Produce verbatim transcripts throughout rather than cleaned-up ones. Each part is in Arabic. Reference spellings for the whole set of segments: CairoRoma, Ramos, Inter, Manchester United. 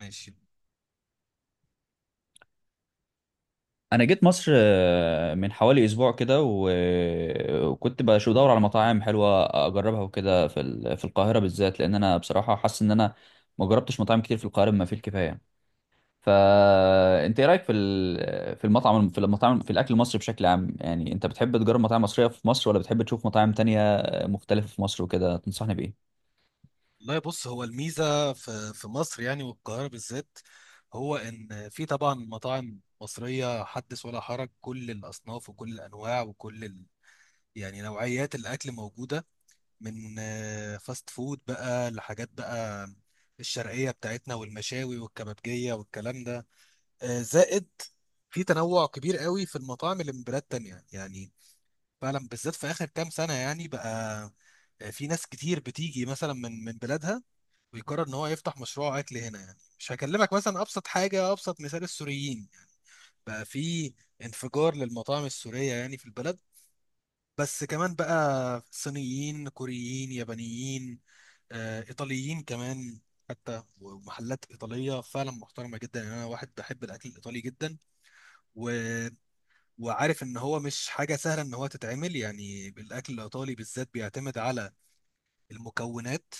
ماشي. انا جيت مصر، آه، من حوالي اسبوع كده و- وكنت بش- بدور على مطاعم حلوه اجربها وكده في ال- في القاهره بالذات، لان انا بصراحه حاسس ان انا ما جربتش مطاعم كتير في القاهره بما فيه الكفايه. فانت ايه رايك في ال- في المطعم في المطاعم في الاكل المصري بشكل عام؟ يعني انت بتحب تجرب مطاعم مصريه في مصر، ولا بتحب تشوف مطاعم تانية مختلفه في مصر وكده؟ تنصحني بايه؟ لا، بص، هو الميزة في في مصر يعني، والقاهرة بالذات. هو إن في طبعا مطاعم مصرية حدث ولا حرج، كل الأصناف وكل الأنواع وكل ال... يعني نوعيات الأكل موجودة، من آه، فاست فود بقى لحاجات بقى الشرقية بتاعتنا والمشاوي والكبابجية والكلام ده. آه، زائد في تنوع كبير قوي في المطاعم اللي من بلاد تانية، يعني فعلا بالذات في آخر كام سنة يعني بقى. آه، في ناس كتير بتيجي مثلا من من بلادها ويقرر ان هو يفتح مشروع اكل هنا، يعني مش هكلمك مثلا ابسط حاجه، ابسط مثال السوريين، بقى في انفجار للمطاعم السوريه يعني في البلد. بس كمان بقى صينيين، كوريين، يابانيين، آه، ايطاليين كمان. حتى ومحلات ايطاليه فعلا محترمه جدا، يعني انا واحد بحب الاكل الايطالي جدا و... وعارف ان هو مش حاجه سهله ان هو تتعمل. يعني الاكل الايطالي بالذات بيعتمد على المكونات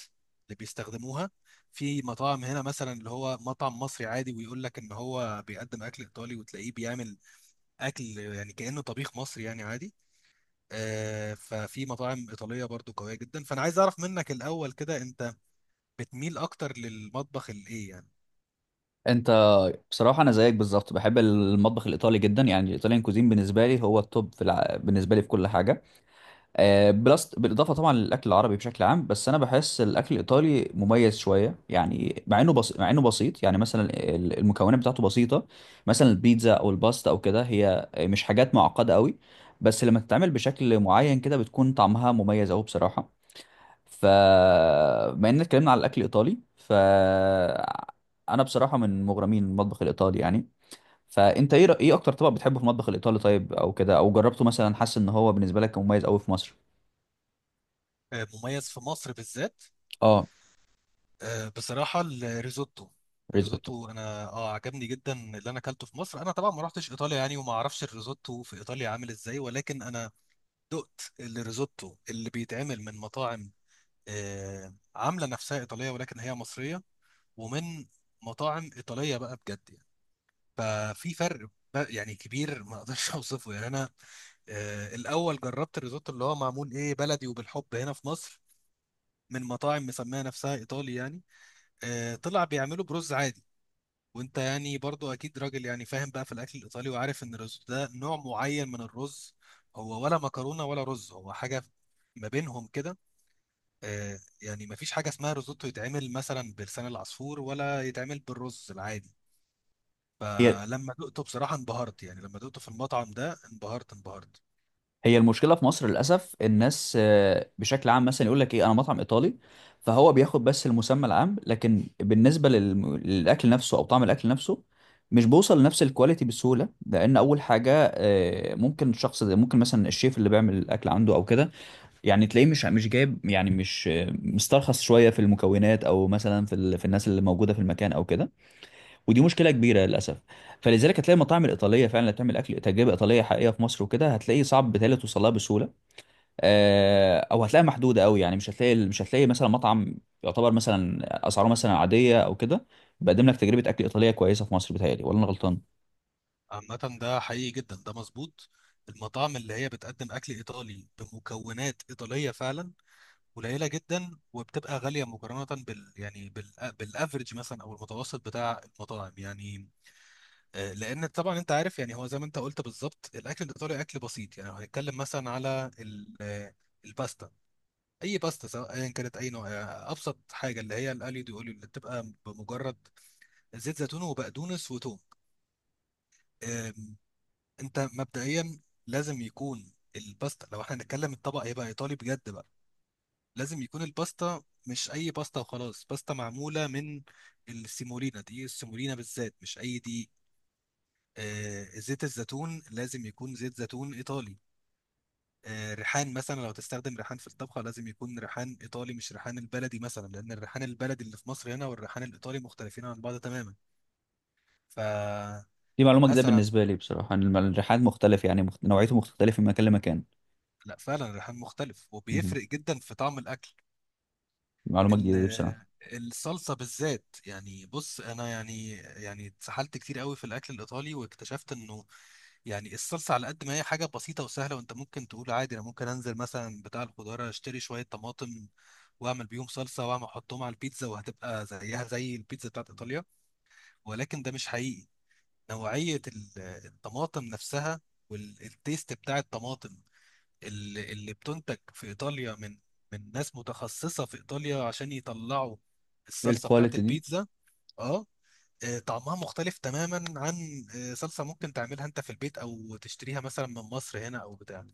اللي بيستخدموها. في مطاعم هنا مثلا اللي هو مطعم مصري عادي ويقول لك ان هو بيقدم اكل ايطالي، وتلاقيه بيعمل اكل يعني كأنه طبيخ مصري يعني عادي. آه، ففي مطاعم ايطالية برضو قوية جدا، فانا عايز اعرف منك الاول كده، انت بتميل اكتر للمطبخ الايه يعني؟ انت بصراحه انا زيك بالظبط، بحب المطبخ الايطالي جدا، يعني الايطاليان كوزين بالنسبه لي هو التوب في الع... بالنسبه لي في كل حاجه. آه، بلس بالاضافه طبعا للاكل العربي بشكل عام، بس انا بحس الاكل الايطالي مميز شويه، يعني مع انه بس... مع انه بسيط. يعني مثلا ال- المكونات بتاعته بسيطه، مثلا البيتزا او الباستا او كده، هي مش حاجات معقده قوي، بس لما تتعمل بشكل معين كده بتكون طعمها مميز قوي بصراحه. ف بما اننا اتكلمنا على الاكل الايطالي، ف انا بصراحه من مغرمين المطبخ الايطالي يعني. فانت ايه رأ- ايه اكتر طبق بتحبه في المطبخ الايطالي طيب، او كده او جربته مثلا، حاسس ان هو بالنسبه لك مميز قوي في مصر؟ آه، مميز في مصر بالذات. اه. آه، بصراحة الريزوتو، ريزوتو. الريزوتو انا اه عجبني جدا اللي انا اكلته في مصر. انا طبعا ما رحتش ايطاليا يعني، وما اعرفش الريزوتو في ايطاليا عامل ازاي، ولكن انا دقت الريزوتو اللي بيتعمل من مطاعم آه، عامله نفسها ايطاليه ولكن هي مصريه، ومن مطاعم ايطاليه بقى بجد يعني. ففي فرق بقى يعني كبير ما اقدرش اوصفه يعني. انا آه، الاول جربت الريزوتو اللي هو معمول ايه بلدي وبالحب هنا في مصر، من مطاعم مسميه نفسها ايطالي يعني. آه، طلع بيعملوا برز عادي. وانت يعني برضو اكيد راجل يعني فاهم بقى في الاكل الايطالي، وعارف ان الريزوتو ده نوع معين من الرز، هو ولا مكرونه ولا رز، هو حاجه ما بينهم كده. آه، يعني مفيش حاجة اسمها روزوتو يتعمل مثلا بلسان العصفور، ولا يتعمل بالرز العادي. هي. آه، لما دقته بصراحة انبهرت، يعني لما دقته في المطعم ده انبهرت انبهرت. هي المشكله في مصر للاسف الناس آه، بشكل عام مثلا يقول لك ايه انا مطعم ايطالي، فهو بياخد بس المسمى العام، لكن بالنسبه للم- للاكل نفسه او طعم الاكل نفسه مش بوصل لنفس الكواليتي بسهوله. لان اول حاجه، آه، ممكن الشخص ده، ممكن مثلا الشيف اللي بيعمل الاكل عنده او كده، يعني تلاقيه مش مش جايب، يعني مش آه، مسترخص شويه في المكونات، او مثلا في ال- في الناس اللي موجوده في المكان او كده، ودي مشكله كبيره للاسف. فلذلك هتلاقي المطاعم الايطاليه فعلا اللي بتعمل اكل تجربه ايطاليه حقيقيه في مصر وكده، هتلاقيه صعب بالتالي توصلها بسهوله. آه، او هتلاقيها محدوده قوي، يعني مش هتلاقي مش هتلاقي مثلا مطعم يعتبر مثلا اسعاره مثلا عاديه او كده بيقدم لك تجربه اكل ايطاليه كويسه في مصر. بتهيألي، ولا انا غلطان؟ عامة ده حقيقي جدا، ده مظبوط. المطاعم اللي هي بتقدم أكل إيطالي بمكونات إيطالية فعلا قليلة جدا، وبتبقى غالية مقارنة بال، يعني بال بالأفريج مثلا أو المتوسط بتاع المطاعم يعني. آه، لأن طبعا أنت عارف، يعني هو زي ما أنت قلت بالظبط، الأكل الإيطالي أكل بسيط، يعني لو هنتكلم مثلا على ال- آه، الباستا، اي باستا سواء ايا كانت اي نوع. آه، ابسط حاجه اللي هي الاليو دي اوليو، اللي بتبقى بمجرد زيت زيتون وبقدونس وتوم. آم، انت مبدئيا لازم يكون الباستا، لو احنا هنتكلم الطبق هيبقى ايطالي بجد بقى، لازم يكون الباستا مش اي باستا وخلاص، باستا معموله من السيمولينا، دي السيمولينا بالذات مش اي دي. آه، زيت الزيتون لازم يكون زيت زيتون ايطالي. آه، ريحان، مثلا لو تستخدم ريحان في الطبخة لازم يكون ريحان إيطالي، مش ريحان البلدي مثلا، لأن الريحان البلدي اللي في مصر هنا والريحان الإيطالي مختلفين عن بعض تماما. فمثلا. دي معلومه جديده بالنسبه لي بصراحه، ان الم- الرحلات مختلفه، يعني مخت... نوعيته مختلفه من مكان لمكان. لا، فعلا الريحان مختلف، مهم. وبيفرق جدا في طعم الأكل. معلومه جديده دي بصراحه. ال- الصلصة بالذات، يعني بص أنا يعني يعني اتسحلت كتير قوي في الأكل الإيطالي واكتشفت إنه يعني الصلصة على قد ما هي حاجة بسيطة وسهلة، وأنت ممكن تقول عادي، أنا ممكن أنزل مثلا بتاع الخضار أشتري شوية طماطم وأعمل بيهم صلصة، وأعمل أحطهم على البيتزا وهتبقى زيها زي البيتزا بتاعت إيطاليا، ولكن ده مش حقيقي. نوعية ال- الطماطم نفسها، والتيست بتاع الطماطم اللي اللي بتنتج في ايطاليا من من ناس متخصصه في ايطاليا عشان يطلعوا ايه الصلصه بتاعت الكواليتي دي! البيتزا. اه. آه، طعمها مختلف تماما عن آه، صلصه ممكن تعملها انت في البيت، او تشتريها مثلا من مصر هنا او بتاع.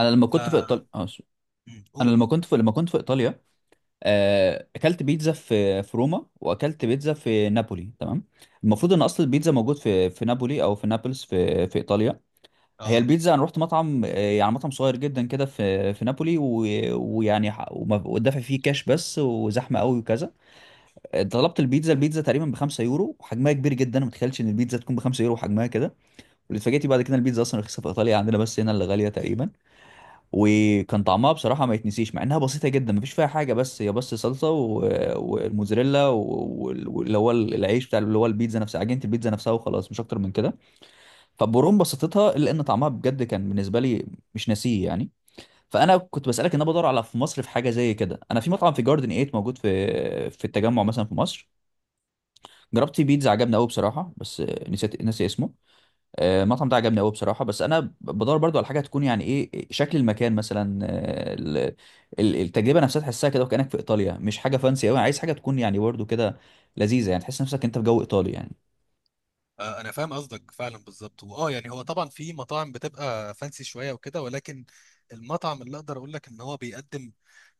انا لما ف كنت في ايطاليا، مم، انا قول. لما كنت في لما كنت في ايطاليا، آه، اكلت بيتزا في في روما، واكلت بيتزا في نابولي، تمام؟ المفروض ان اصل البيتزا موجود في في نابولي، او في نابلس في في ايطاليا. هي اه البيتزا، انا رحت مطعم، آه، يعني مطعم صغير جدا كده في في نابولي، و- ويعني ح- وما- ودافع فيه كاش بس، وزحمه قوي وكذا. آه، طلبت البيتزا، البيتزا تقريبا ب خمسة يورو وحجمها كبير جدا، ما متخيلش ان البيتزا تكون ب خمسة يورو وحجمها كده. واللي اتفاجئت بعد كده، البيتزا اصلا رخيصه في ايطاليا عندنا، بس هنا اللي غاليه تقريبا. وكان طعمها بصراحة ما يتنسيش، مع انها بسيطة جدا مفيش فيها حاجة، بس هي بس صلصة و- والموزاريلا وال- واللي هو العيش بتاع، اللي هو البيتزا نفسها، عجينة البيتزا نفسها، وخلاص مش اكتر من كده. فبرغم بساطتها الا ان طعمها بجد كان بالنسبة لي مش ناسيه يعني. فانا كنت بسألك، ان انا بدور على في مصر في حاجة زي كده. انا في مطعم في جاردن تمانية موجود في في التجمع مثلا في مصر، جربت فيه بيتزا عجبني قوي بصراحة، بس نسيت، ناسي اسمه. آه، المطعم ده عجبني قوي بصراحه، بس انا بدور برضو على حاجه تكون يعني ايه شكل المكان مثلا، آه، ال- ال- التجربه نفسها تحسها كده وكانك في ايطاليا. مش حاجه فانسي قوي، عايز حاجه تكون يعني برضو كده لذيذه، يعني تحس نفسك انت في جو ايطالي يعني. آه، انا فاهم قصدك فعلا بالظبط، واه يعني هو طبعا في مطاعم بتبقى فانسي شويه وكده، ولكن المطعم اللي اقدر اقول لك ان هو بيقدم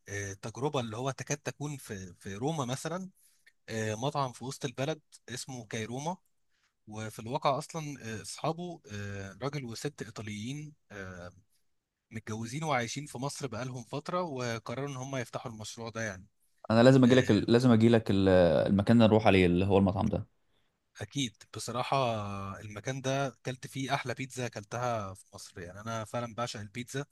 آه، تجربه اللي هو تكاد تكون في في روما مثلا، آه، مطعم في وسط البلد اسمه كايروما. وفي الواقع اصلا آه، اصحابه آه، راجل وست ايطاليين آه، متجوزين وعايشين في مصر بقالهم فتره، وقرروا ان هم يفتحوا المشروع ده يعني. انا لازم اجي لك، آه، لازم اجي لك المكان اللي نروح عليه اللي هو المطعم ده. اكيد بصراحه. المكان ده اكلت فيه احلى بيتزا اكلتها في مصر، يعني انا فعلا بعشق البيتزا،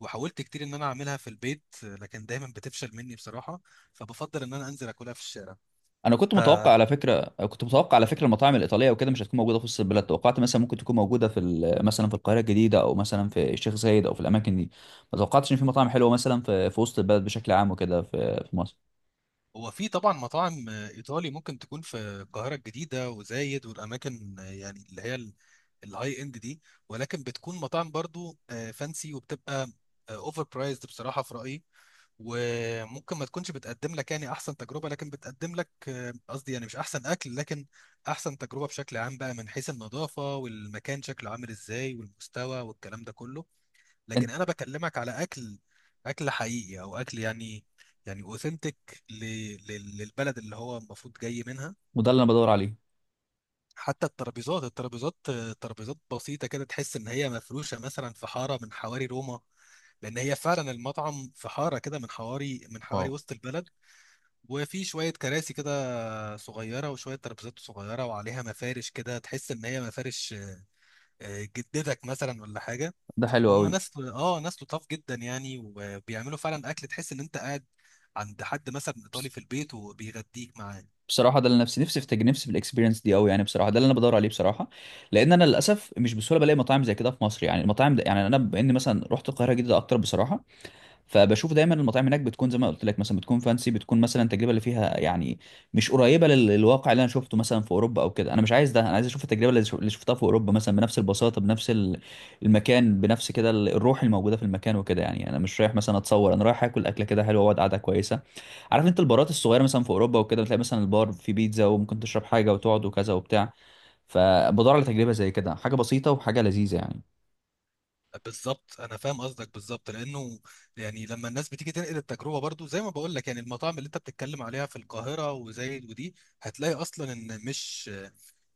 وحاولت كتير ان انا اعملها في البيت آه، لكن دايما بتفشل مني بصراحه، فبفضل ان انا انزل اكلها في الشارع. انا كنت ف متوقع على فكره، كنت متوقع على فكره المطاعم الايطاليه وكده مش هتكون موجوده في وسط البلد، توقعت مثلا ممكن تكون موجوده في ال- مثلا في القاهره الجديده، او مثلا في الشيخ زايد، او في الاماكن دي. ما توقعتش ان في مطاعم حلوه مثلا في في وسط البلد بشكل عام وكده في في مصر. هو في طبعا مطاعم آه، ايطالي ممكن تكون في القاهره الجديده وزايد والاماكن، آه، يعني اللي هي الهاي اند دي، ولكن بتكون مطاعم برضو فانسي، وبتبقى اوفر برايزد بصراحه في رايي، وممكن ما تكونش بتقدم لك يعني احسن تجربه، لكن بتقدم لك آه، قصدي يعني مش احسن اكل، لكن احسن تجربه بشكل عام بقى، من حيث النظافه والمكان شكله عامل ازاي والمستوى والكلام ده كله. انت. لكن انا بكلمك على اكل، اكل حقيقي، او اكل يعني يعني اوثنتيك للبلد اللي هو المفروض جاي منها. وده اللي انا بدور عليه. حتى الترابيزات، الترابيزات، ترابيزات بسيطة كده، تحس إن هي مفروشة مثلا في حارة من حواري روما. لأن هي فعلا المطعم في حارة كده من حواري من حواري واو. وسط البلد. وفي شوية كراسي كده صغيرة، وشوية ترابيزات صغيرة وعليها مفارش كده، تحس إن هي مفارش آه، جدتك مثلا ولا حاجة. ده حلو هم قوي. ناس آه ناس لطاف جدا، يعني وبيعملوا فعلا أكل تحس إن أنت قاعد عند حد مثلا بس- إيطالي في البيت وبيغديك معاه. بصراحه ده اللي نفسي، نفسي في نفسي في الاكسبيرينس دي قوي، يعني بصراحه ده اللي انا بدور عليه بصراحه. لان انا للاسف مش بسهوله بلاقي مطاعم زي كده في مصر، يعني المطاعم ده، يعني انا بما اني مثلا رحت القاهره جدا اكتر بصراحه، فبشوف دايما المطاعم هناك بتكون زي ما قلت لك، مثلا بتكون فانسي، بتكون مثلا التجربه اللي فيها يعني مش قريبه لل- للواقع اللي انا شفته مثلا في اوروبا او كده. انا مش عايز ده، انا عايز اشوف التجربه اللي شف- اللي شفتها في اوروبا مثلا، بنفس البساطه، بنفس ال- المكان، بنفس كده ال- الروح الموجوده في المكان وكده يعني. يعني انا مش رايح مثلا اتصور، انا رايح اكل اكله كده حلوه واقعد قعده كويسه. عارف انت البارات الصغيره مثلا في اوروبا وكده، بتلاقي مثلا البار في بيتزا، وممكن تشرب حاجه وتقعد وكذا وبتاع. فبدور على تجربه زي كده، حاجه بسيطه وحاجه لذيذه بالظبط انا فاهم قصدك بالظبط، لانه يعني لما الناس بتيجي تنقل التجربه برضو زي ما بقول لك، يعني المطاعم اللي انت بتتكلم عليها في القاهره وزايد ودي، هتلاقي اصلا ان مش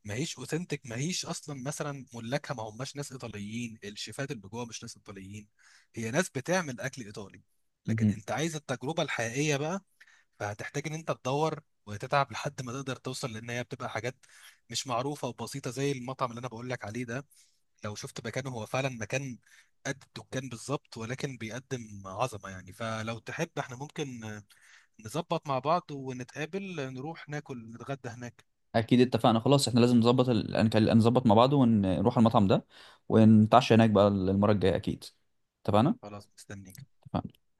ما هيش اوثنتك، ما هيش اصلا مثلا ملاكها ما هماش ناس ايطاليين، الشيفات اللي جوه مش ناس ايطاليين، هي ناس بتعمل اكل ايطالي، لكن يعني. انت عايز التجربه الحقيقيه بقى. فهتحتاج ان انت تدور وتتعب لحد ما تقدر توصل، لان هي بتبقى حاجات مش معروفه وبسيطه، زي المطعم اللي انا بقول لك عليه ده. لو شفت مكانه هو فعلا مكان قد الدكان بالظبط، ولكن بيقدم عظمة يعني. فلو تحب احنا ممكن نظبط مع بعض ونتقابل، نروح ناكل نتغدى هناك. اكيد اتفقنا خلاص، احنا لازم نظبط ال... نكل- نظبط مع بعض ونروح المطعم ده ونتعشى هناك بقى المرة الجاية اكيد. اتفقنا. خلاص، مستنيك. اتفقنا.